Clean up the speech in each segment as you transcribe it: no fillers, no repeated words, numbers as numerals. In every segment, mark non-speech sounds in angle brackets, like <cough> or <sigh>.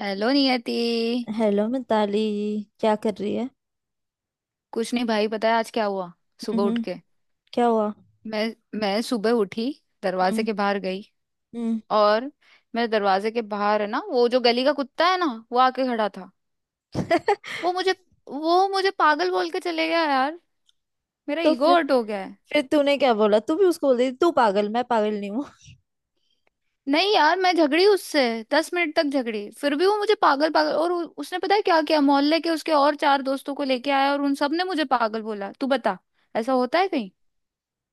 Hello Niyati. Hello Mitali. क्या कर रही है? कुछ नहीं भाई, पता है आज क्या हुआ। सुबह उठ हम्म। के क्या हुआ? मैं मैं सुबह उठी। दरवाजे हम्म। के बाहर गई। हम्म। और मेरे दरवाजे के बाहर है ना वो जो गली का कुत्ता है ना, वो आके खड़ा था। वो मुझे वो मुझे पागल बोल के चले गया यार। मेरा तो ईगो फिर हर्ट हो गया है। फिर तूने क्या बोला, तू भी उसको बोल रही थी, तू पागल मैं पागल नहीं हूँ? नहीं यार, मैं झगड़ी उससे। 10 मिनट तक झगड़ी फिर भी वो मुझे पागल पागल, और उसने पता है क्या किया, मोहल्ले के उसके और चार दोस्तों को लेके आया और उन सब ने मुझे पागल बोला। तू बता, ऐसा होता है कहीं।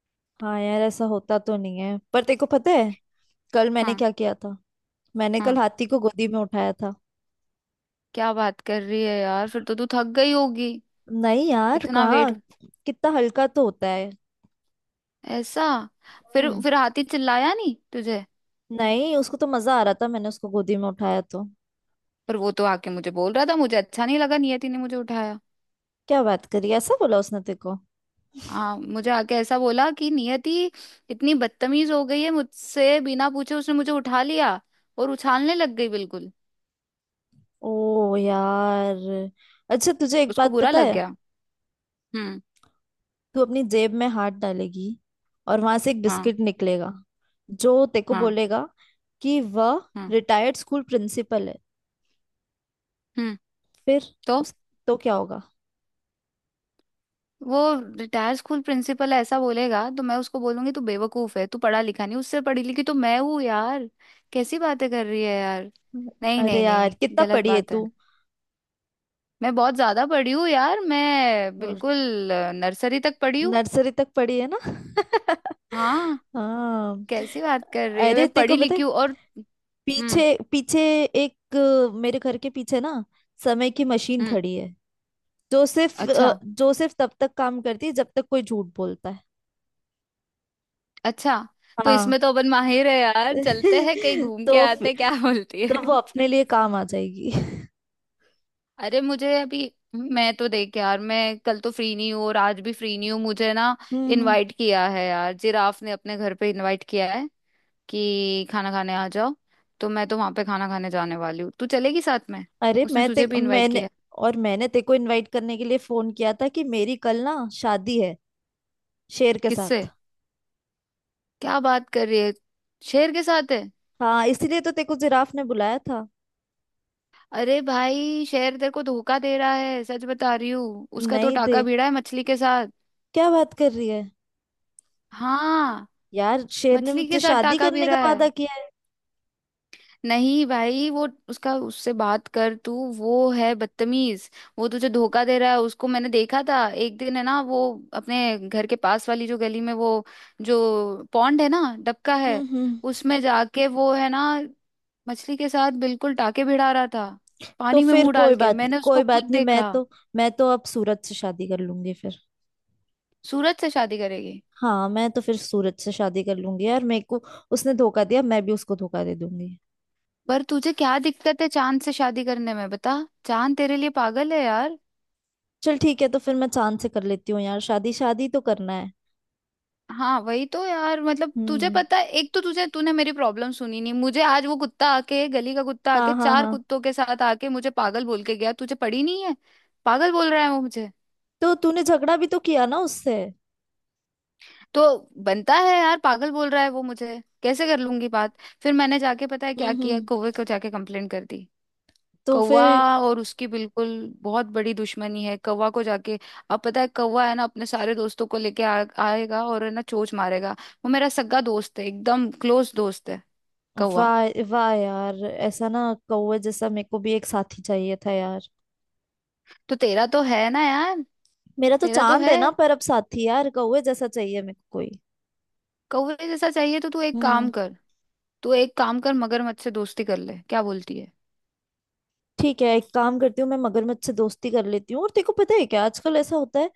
<laughs> हाँ यार, ऐसा होता तो नहीं है पर तेरे को पता है कल मैंने हाँ क्या किया था? मैंने कल हाँ। हाथी को गोदी में उठाया था। क्या बात कर रही है यार, फिर तो तू थक गई होगी। नहीं यार, इतना वेट। कहाँ। कितना हल्का तो होता है। ऐसा। फिर हम्म। फिर हाथी चिल्लाया नहीं तुझे? नहीं, उसको तो मजा आ रहा था, मैंने उसको गोदी में उठाया तो। पर वो तो आके मुझे बोल रहा था मुझे अच्छा नहीं लगा, नियति ने मुझे उठाया। क्या बात करी? ऐसा बोला उसने तेरे को? हाँ, मुझे आके ऐसा बोला कि नियति इतनी बदतमीज हो गई है, मुझसे बिना पूछे उसने मुझे उठा लिया और उछालने लग गई बिल्कुल। ओ यार। अच्छा, तुझे एक उसको बात बुरा पता लग है? गया। हम्म। तू अपनी जेब में हाथ डालेगी और वहां से एक हाँ बिस्किट निकलेगा जो तेरे को हाँ बोलेगा कि वह हाँ। रिटायर्ड स्कूल प्रिंसिपल है। हम्म। फिर तो उस तो क्या होगा? वो रिटायर स्कूल प्रिंसिपल ऐसा बोलेगा तो मैं उसको बोलूंगी, तू बेवकूफ है, तू पढ़ा लिखा नहीं, उससे पढ़ी लिखी तो मैं हूँ यार। कैसी बातें कर रही है यार। नहीं अरे नहीं यार नहीं, कितना गलत पढ़ी है बात है। तू? मैं बहुत ज्यादा पढ़ी हूँ यार, मैं बिल्कुल नर्सरी तक पढ़ी हूँ। नर्सरी तक पढ़ी है ना? हाँ। <laughs> हाँ। कैसी बात कर रही है, अरे मैं तेरे को पढ़ी पता लिखी है हूँ। और हम्म। पीछे पीछे एक मेरे घर के पीछे ना समय की मशीन हम्म। खड़ी है, अच्छा। जो सिर्फ तब तक काम करती है जब तक कोई झूठ बोलता है। अच्छा। तो इसमें हाँ। तो अपन माहिर है यार, चलते हैं कहीं <laughs> घूम के तो आते फिर- हैं, क्या <laughs> बोलती तो है। वो अपने लिए काम आ जाएगी। अरे मुझे अभी, मैं तो देख यार, मैं कल तो फ्री नहीं हूँ और आज भी फ्री नहीं हूँ, मुझे ना हम्म। हम्म। इनवाइट किया है यार, जिराफ ने अपने घर पे इनवाइट किया है कि खाना खाने आ जाओ। तो मैं तो वहां पे खाना खाने जाने वाली हूँ, तू चलेगी साथ में, अरे उसने तुझे भी इनवाइट किया है। मैंने तेको को इनवाइट करने के लिए फोन किया था कि मेरी कल ना शादी है शेर के किससे? साथ। क्या बात कर रही है, शेर के साथ है? हाँ इसीलिए तो तेको जिराफ ने बुलाया था। अरे भाई शेर तेरे को धोखा दे रहा है, सच बता रही हूँ, उसका तो नहीं टाका दे। भिड़ा है मछली के साथ। क्या बात कर रही है हाँ। यार? शेर ने मछली मुझसे के साथ शादी टाका करने का भिड़ा है। वादा किया है। नहीं भाई, वो उसका उससे बात कर, तू, वो है बदतमीज। वो तुझे धोखा दे रहा है, उसको मैंने देखा था एक दिन है ना, वो अपने घर के पास वाली जो गली में, वो जो पॉन्ड है ना, डबका हम्म। है, हम्म। उसमें जाके वो है ना मछली के साथ बिल्कुल टाके भिड़ा रहा था। तो पानी में फिर मुंह कोई डाल के बात नहीं, मैंने उसको कोई खुद बात नहीं, मैं देखा। तो मैं तो अब सूरज से शादी कर लूंगी फिर। सूरज से शादी करेगी? हाँ, मैं तो फिर सूरज से शादी कर लूंगी यार। मेरे को उसने धोखा दिया, मैं भी उसको धोखा दे दूंगी। पर तुझे क्या दिक्कत है चांद से शादी करने में, बता। चांद तेरे लिए पागल है यार। चल ठीक है, तो फिर मैं चांद से कर लेती हूँ यार, शादी शादी तो करना है। हाँ वही तो यार, मतलब तुझे हम्म। पता है, एक तो तुझे, तूने मेरी प्रॉब्लम सुनी नहीं, मुझे आज वो कुत्ता आके, गली का कुत्ता हाँ, आके, हाँ, चार हाँ। कुत्तों के साथ आके मुझे पागल बोल के गया, तुझे पड़ी नहीं है। पागल बोल रहा है वो मुझे। तो तूने झगड़ा भी तो किया ना उससे? तो बनता है यार, पागल बोल रहा है वो मुझे, कैसे कर लूंगी बात। फिर मैंने जाके पता है क्या हम्म। किया, हम्म। कौवे को जाके कंप्लेंट कर दी। तो कौवा फिर? और उसकी बिल्कुल बहुत बड़ी दुश्मनी है, कौवा को जाके। अब पता है, कौवा है ना, अपने सारे दोस्तों को लेके आएगा और है ना चोंच मारेगा। वो मेरा सगा दोस्त है, एकदम क्लोज दोस्त है, कौवा। वाह वाह यार, ऐसा ना कौवे जैसा मेरे को भी एक साथी चाहिए था यार। तो तेरा तो है ना यार। मेरा तो तेरा तो चांद है। है ना, पर अब साथी यार कौवे जैसा चाहिए मेरे को कोई। कौवे जैसा चाहिए तो तू एक काम हम्म। कर तू एक काम कर मगरमच्छ से दोस्ती कर ले, क्या बोलती है। ठीक है, एक काम करती हूँ मैं मगरमच्छ से दोस्ती कर लेती हूँ। और तेको पता है क्या आजकल ऐसा होता है?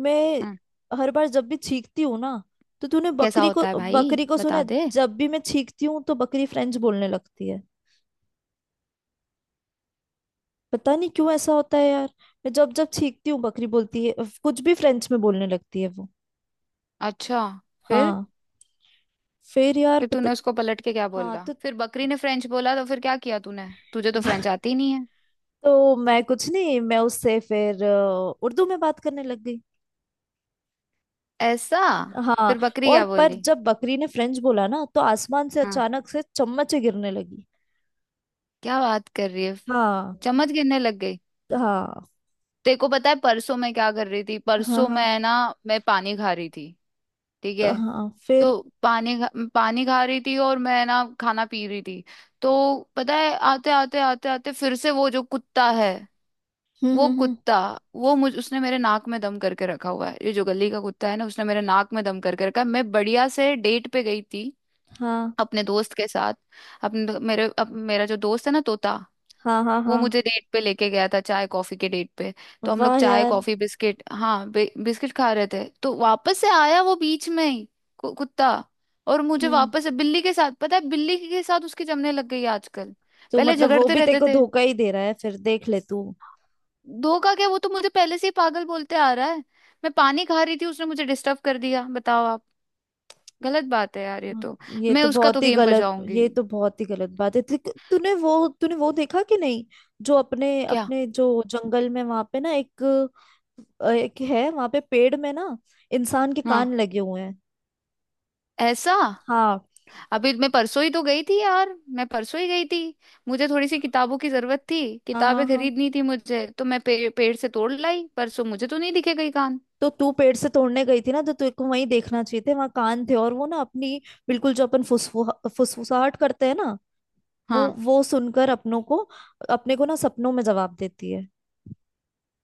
मैं हम्म। हर बार जब भी छींकती हूँ ना तो तूने कैसा बकरी को होता है भाई, बकरी को सुना बता है? दे। जब भी मैं छींकती हूँ तो बकरी फ्रेंच बोलने लगती है। पता नहीं क्यों ऐसा होता है यार। मैं जब जब छींकती हूँ बकरी बोलती है, कुछ भी फ्रेंच में बोलने लगती है वो। अच्छा। फिर। हाँ। फिर यार फिर पता। तूने उसको पलट के क्या हाँ बोला? तो। फिर बकरी ने फ्रेंच बोला तो फिर क्या किया तूने, तुझे तो <laughs> फ्रेंच आती ही नहीं है। तो मैं कुछ नहीं, मैं उससे फिर उर्दू में बात करने लग गई। ऐसा? हाँ। फिर बकरी और क्या पर बोली? जब बकरी ने फ्रेंच बोला ना तो आसमान से हाँ। अचानक से चम्मचें गिरने लगी। क्या बात कर रही है, हाँ। चम्मच गिरने लग गई। हाँ, तेरे को पता है परसों मैं क्या कर रही थी, परसों हाँ, मैं ना, मैं पानी खा रही थी, ठीक हाँ, है। हाँ। फिर। तो पानी खा रही थी और मैं ना खाना पी रही थी। तो पता है, आते आते आते आते फिर से वो जो कुत्ता है, हम्म, वो हम्म, हम्म। कुत्ता, वो मुझ उसने मेरे नाक में दम करके रखा हुआ है, ये जो गली का कुत्ता है ना, उसने मेरे नाक में दम करके रखा है। मैं बढ़िया से डेट पे गई थी हाँ, अपने दोस्त के साथ, अपने दो- मेरे अप, मेरा जो दोस्त है ना, तोता, हाँ, हाँ, वो हाँ। मुझे डेट पे लेके गया था, चाय कॉफी के डेट पे। तो हम लोग वाह चाय यार। कॉफी बिस्किट, हाँ, बिस्किट खा रहे थे तो वापस से आया वो बीच में ही, कुत्ता। और मुझे हम्म। वापस से बिल्ली के साथ, पता है, बिल्ली के साथ उसकी जमने लग गई है आजकल, तो पहले मतलब वो झगड़ते भी तेरे रहते को थे। धोखा ही दे रहा है, फिर देख ले तू। धोखा क्या, वो तो मुझे पहले से ही पागल बोलते आ रहा है। मैं पानी खा रही थी उसने मुझे डिस्टर्ब कर दिया, बताओ आप, गलत बात है यार ये हाँ। तो। ये मैं तो उसका बहुत तो ही गेम गलत, बजाऊंगी। ये तो बहुत ही गलत बात है। तूने वो देखा कि नहीं, जो अपने क्या? अपने जो जंगल में वहां पे ना एक, एक है वहां पे पेड़ में ना, इंसान के हाँ। कान लगे हुए हैं। ऐसा? हाँ। अभी मैं परसों ही तो गई थी यार, मैं परसों ही गई थी, मुझे थोड़ी सी किताबों की जरूरत थी, हाँ, किताबें हाँ, हाँ। खरीदनी थी मुझे, तो मैं पेड़ से तोड़ लाई परसों, मुझे तो नहीं दिखे कहीं कान। तो तू पेड़ से तोड़ने गई थी ना तो तेरे को वहीं देखना चाहिए थे, वहां कान थे और वो ना अपनी बिल्कुल जो अपन फुसफुसाहट करते हैं ना वो हाँ। वो सुनकर अपनों को अपने को ना सपनों में जवाब देती है।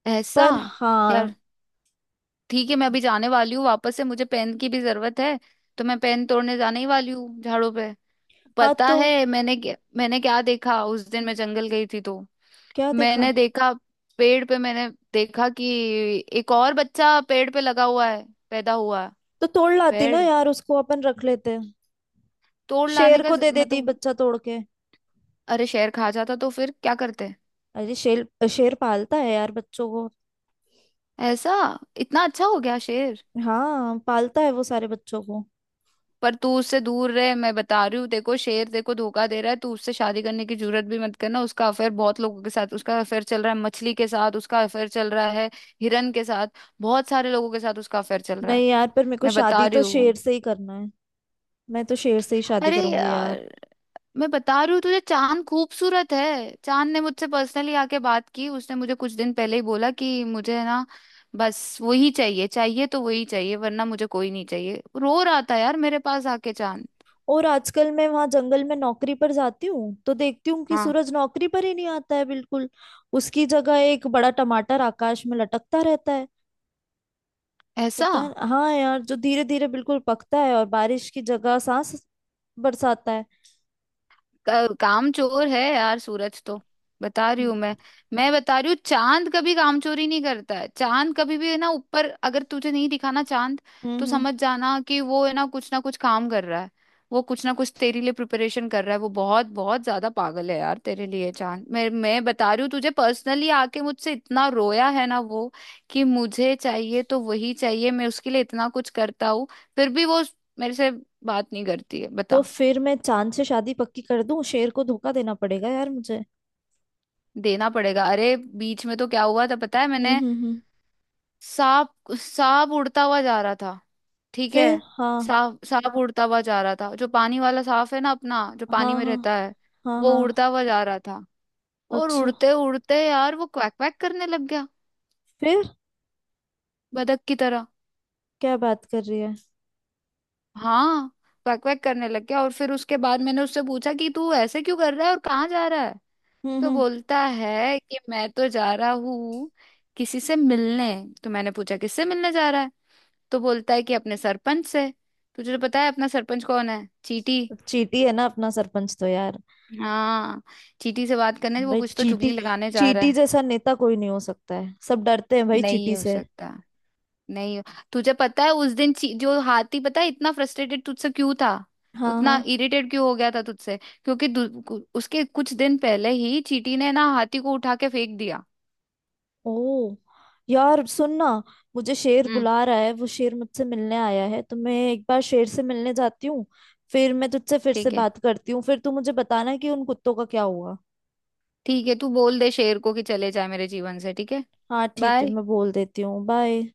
ऐसा। पर हाँ। यार ठीक है, मैं अभी जाने वाली हूँ, वापस से मुझे पेन की भी जरूरत है, तो मैं पेन तोड़ने जाने ही वाली हूँ झाड़ों पे। हाँ पता तो है मैंने क्या देखा उस दिन, मैं जंगल गई थी तो क्या देखा? मैंने देखा, पेड़ पे मैंने देखा कि एक और बच्चा पेड़ पे लगा हुआ है, पैदा हुआ है, तो तोड़ लाती ना पेड़। यार उसको, अपन रख लेते हैं। तोड़ लाने शेर का को दे मैं तो, देती बच्चा तोड़ के। अरे शेर खा जाता तो फिर क्या करते। अरे शेर शेर पालता है यार बच्चों को। ऐसा? इतना अच्छा हो गया शेर। हाँ पालता है वो सारे बच्चों को। पर तू उससे दूर रहे, मैं बता रही हूँ, देखो शेर देखो धोखा दे रहा है, तू उससे शादी करने की जरूरत भी मत करना, उसका अफेयर बहुत लोगों के साथ, उसका अफेयर चल रहा है मछली के साथ, उसका अफेयर चल रहा है हिरन के साथ, बहुत सारे लोगों के साथ उसका अफेयर चल रहा है। नहीं यार पर मेरे को मैं बता शादी रही तो हूँ। शेर से ही करना। मैं तो शेर से ही शादी अरे करूंगी यार। यार, मैं बता रही हूँ तुझे, चांद खूबसूरत है। चांद ने मुझसे पर्सनली आके बात की, उसने मुझे कुछ दिन पहले ही बोला कि मुझे ना बस वही चाहिए, चाहिए तो वही चाहिए, वरना मुझे कोई नहीं चाहिए। रो रहा था यार मेरे पास आके चांद। और आजकल मैं वहां जंगल में नौकरी पर जाती हूँ तो देखती हूँ कि हाँ। सूरज नौकरी पर ही नहीं आता है बिल्कुल। उसकी जगह एक बड़ा टमाटर आकाश में लटकता रहता है। ऐसा। पता। हाँ यार, जो धीरे धीरे बिल्कुल पकता है और बारिश की जगह सांस बरसाता है। काम चोर है यार सूरज तो, बता रही हूँ मैं बता रही हूँ, चांद कभी काम चोरी नहीं करता है, चांद कभी भी है ना ऊपर अगर तुझे नहीं दिखाना चांद, हम्म। तो हम्म। समझ जाना कि वो है ना कुछ काम कर रहा है, वो कुछ ना कुछ तेरे लिए प्रिपरेशन कर रहा है। वो बहुत बहुत ज्यादा पागल है यार तेरे लिए चांद, मैं बता रही हूँ तुझे, पर्सनली आके मुझसे इतना रोया है ना वो कि मुझे चाहिए तो वही चाहिए, मैं उसके लिए इतना कुछ करता हूँ फिर भी वो मेरे से बात नहीं करती है, तो बता। फिर मैं चांद से शादी पक्की कर दूं? शेर को धोखा देना पड़ेगा यार मुझे। देना पड़ेगा। अरे बीच में तो क्या हुआ था पता है, हम्म, मैंने, हम्म, हम्म। सांप सांप उड़ता हुआ जा रहा था, ठीक है, फिर। हाँ, सांप सांप उड़ता हुआ जा रहा था, जो पानी वाला सांप है ना अपना, जो पानी हाँ, में हाँ, रहता है, हाँ, वो हाँ। उड़ता हुआ जा रहा था और अच्छा। उड़ते उड़ते यार वो क्वैक क्वैक करने लग गया फिर बतख की तरह। क्या बात कर रही है? हाँ। क्वैक क्वैक करने लग गया और फिर उसके बाद मैंने उससे पूछा कि तू ऐसे क्यों कर रहा है और कहाँ जा रहा है। हम्म। तो हम्म। बोलता है कि मैं तो जा रहा हूँ किसी से मिलने। तो मैंने पूछा किससे मिलने जा रहा है। तो बोलता है कि अपने सरपंच से। तुझे तो पता है अपना सरपंच कौन है, चीटी। चीटी है ना अपना सरपंच तो यार। हाँ, चीटी से बात करने, वो भाई कुछ तो चीटी चुगली लगाने जा रहा चीटी है। जैसा नेता कोई नहीं हो सकता है, सब डरते हैं भाई नहीं चीटी हो से। सकता। नहीं हो। तुझे पता है उस दिन जो हाथी, पता है, इतना फ्रस्ट्रेटेड तुझसे क्यों था, हाँ। हाँ। उतना इरिटेट क्यों हो गया था तुझसे, क्योंकि उसके कुछ दिन पहले ही चीटी ने ना हाथी को उठा के फेंक दिया। ओ यार सुन ना, मुझे शेर हम्म। बुला रहा है, वो शेर मुझसे मिलने आया है तो मैं एक बार शेर से मिलने जाती हूँ। फिर मैं तुझसे फिर से ठीक है। बात करती हूँ, फिर तू मुझे बताना कि उन कुत्तों का क्या हुआ। ठीक है, तू बोल दे शेर को कि चले जाए मेरे जीवन से, ठीक है। हाँ ठीक है, बाय। मैं बोल देती हूँ। बाय।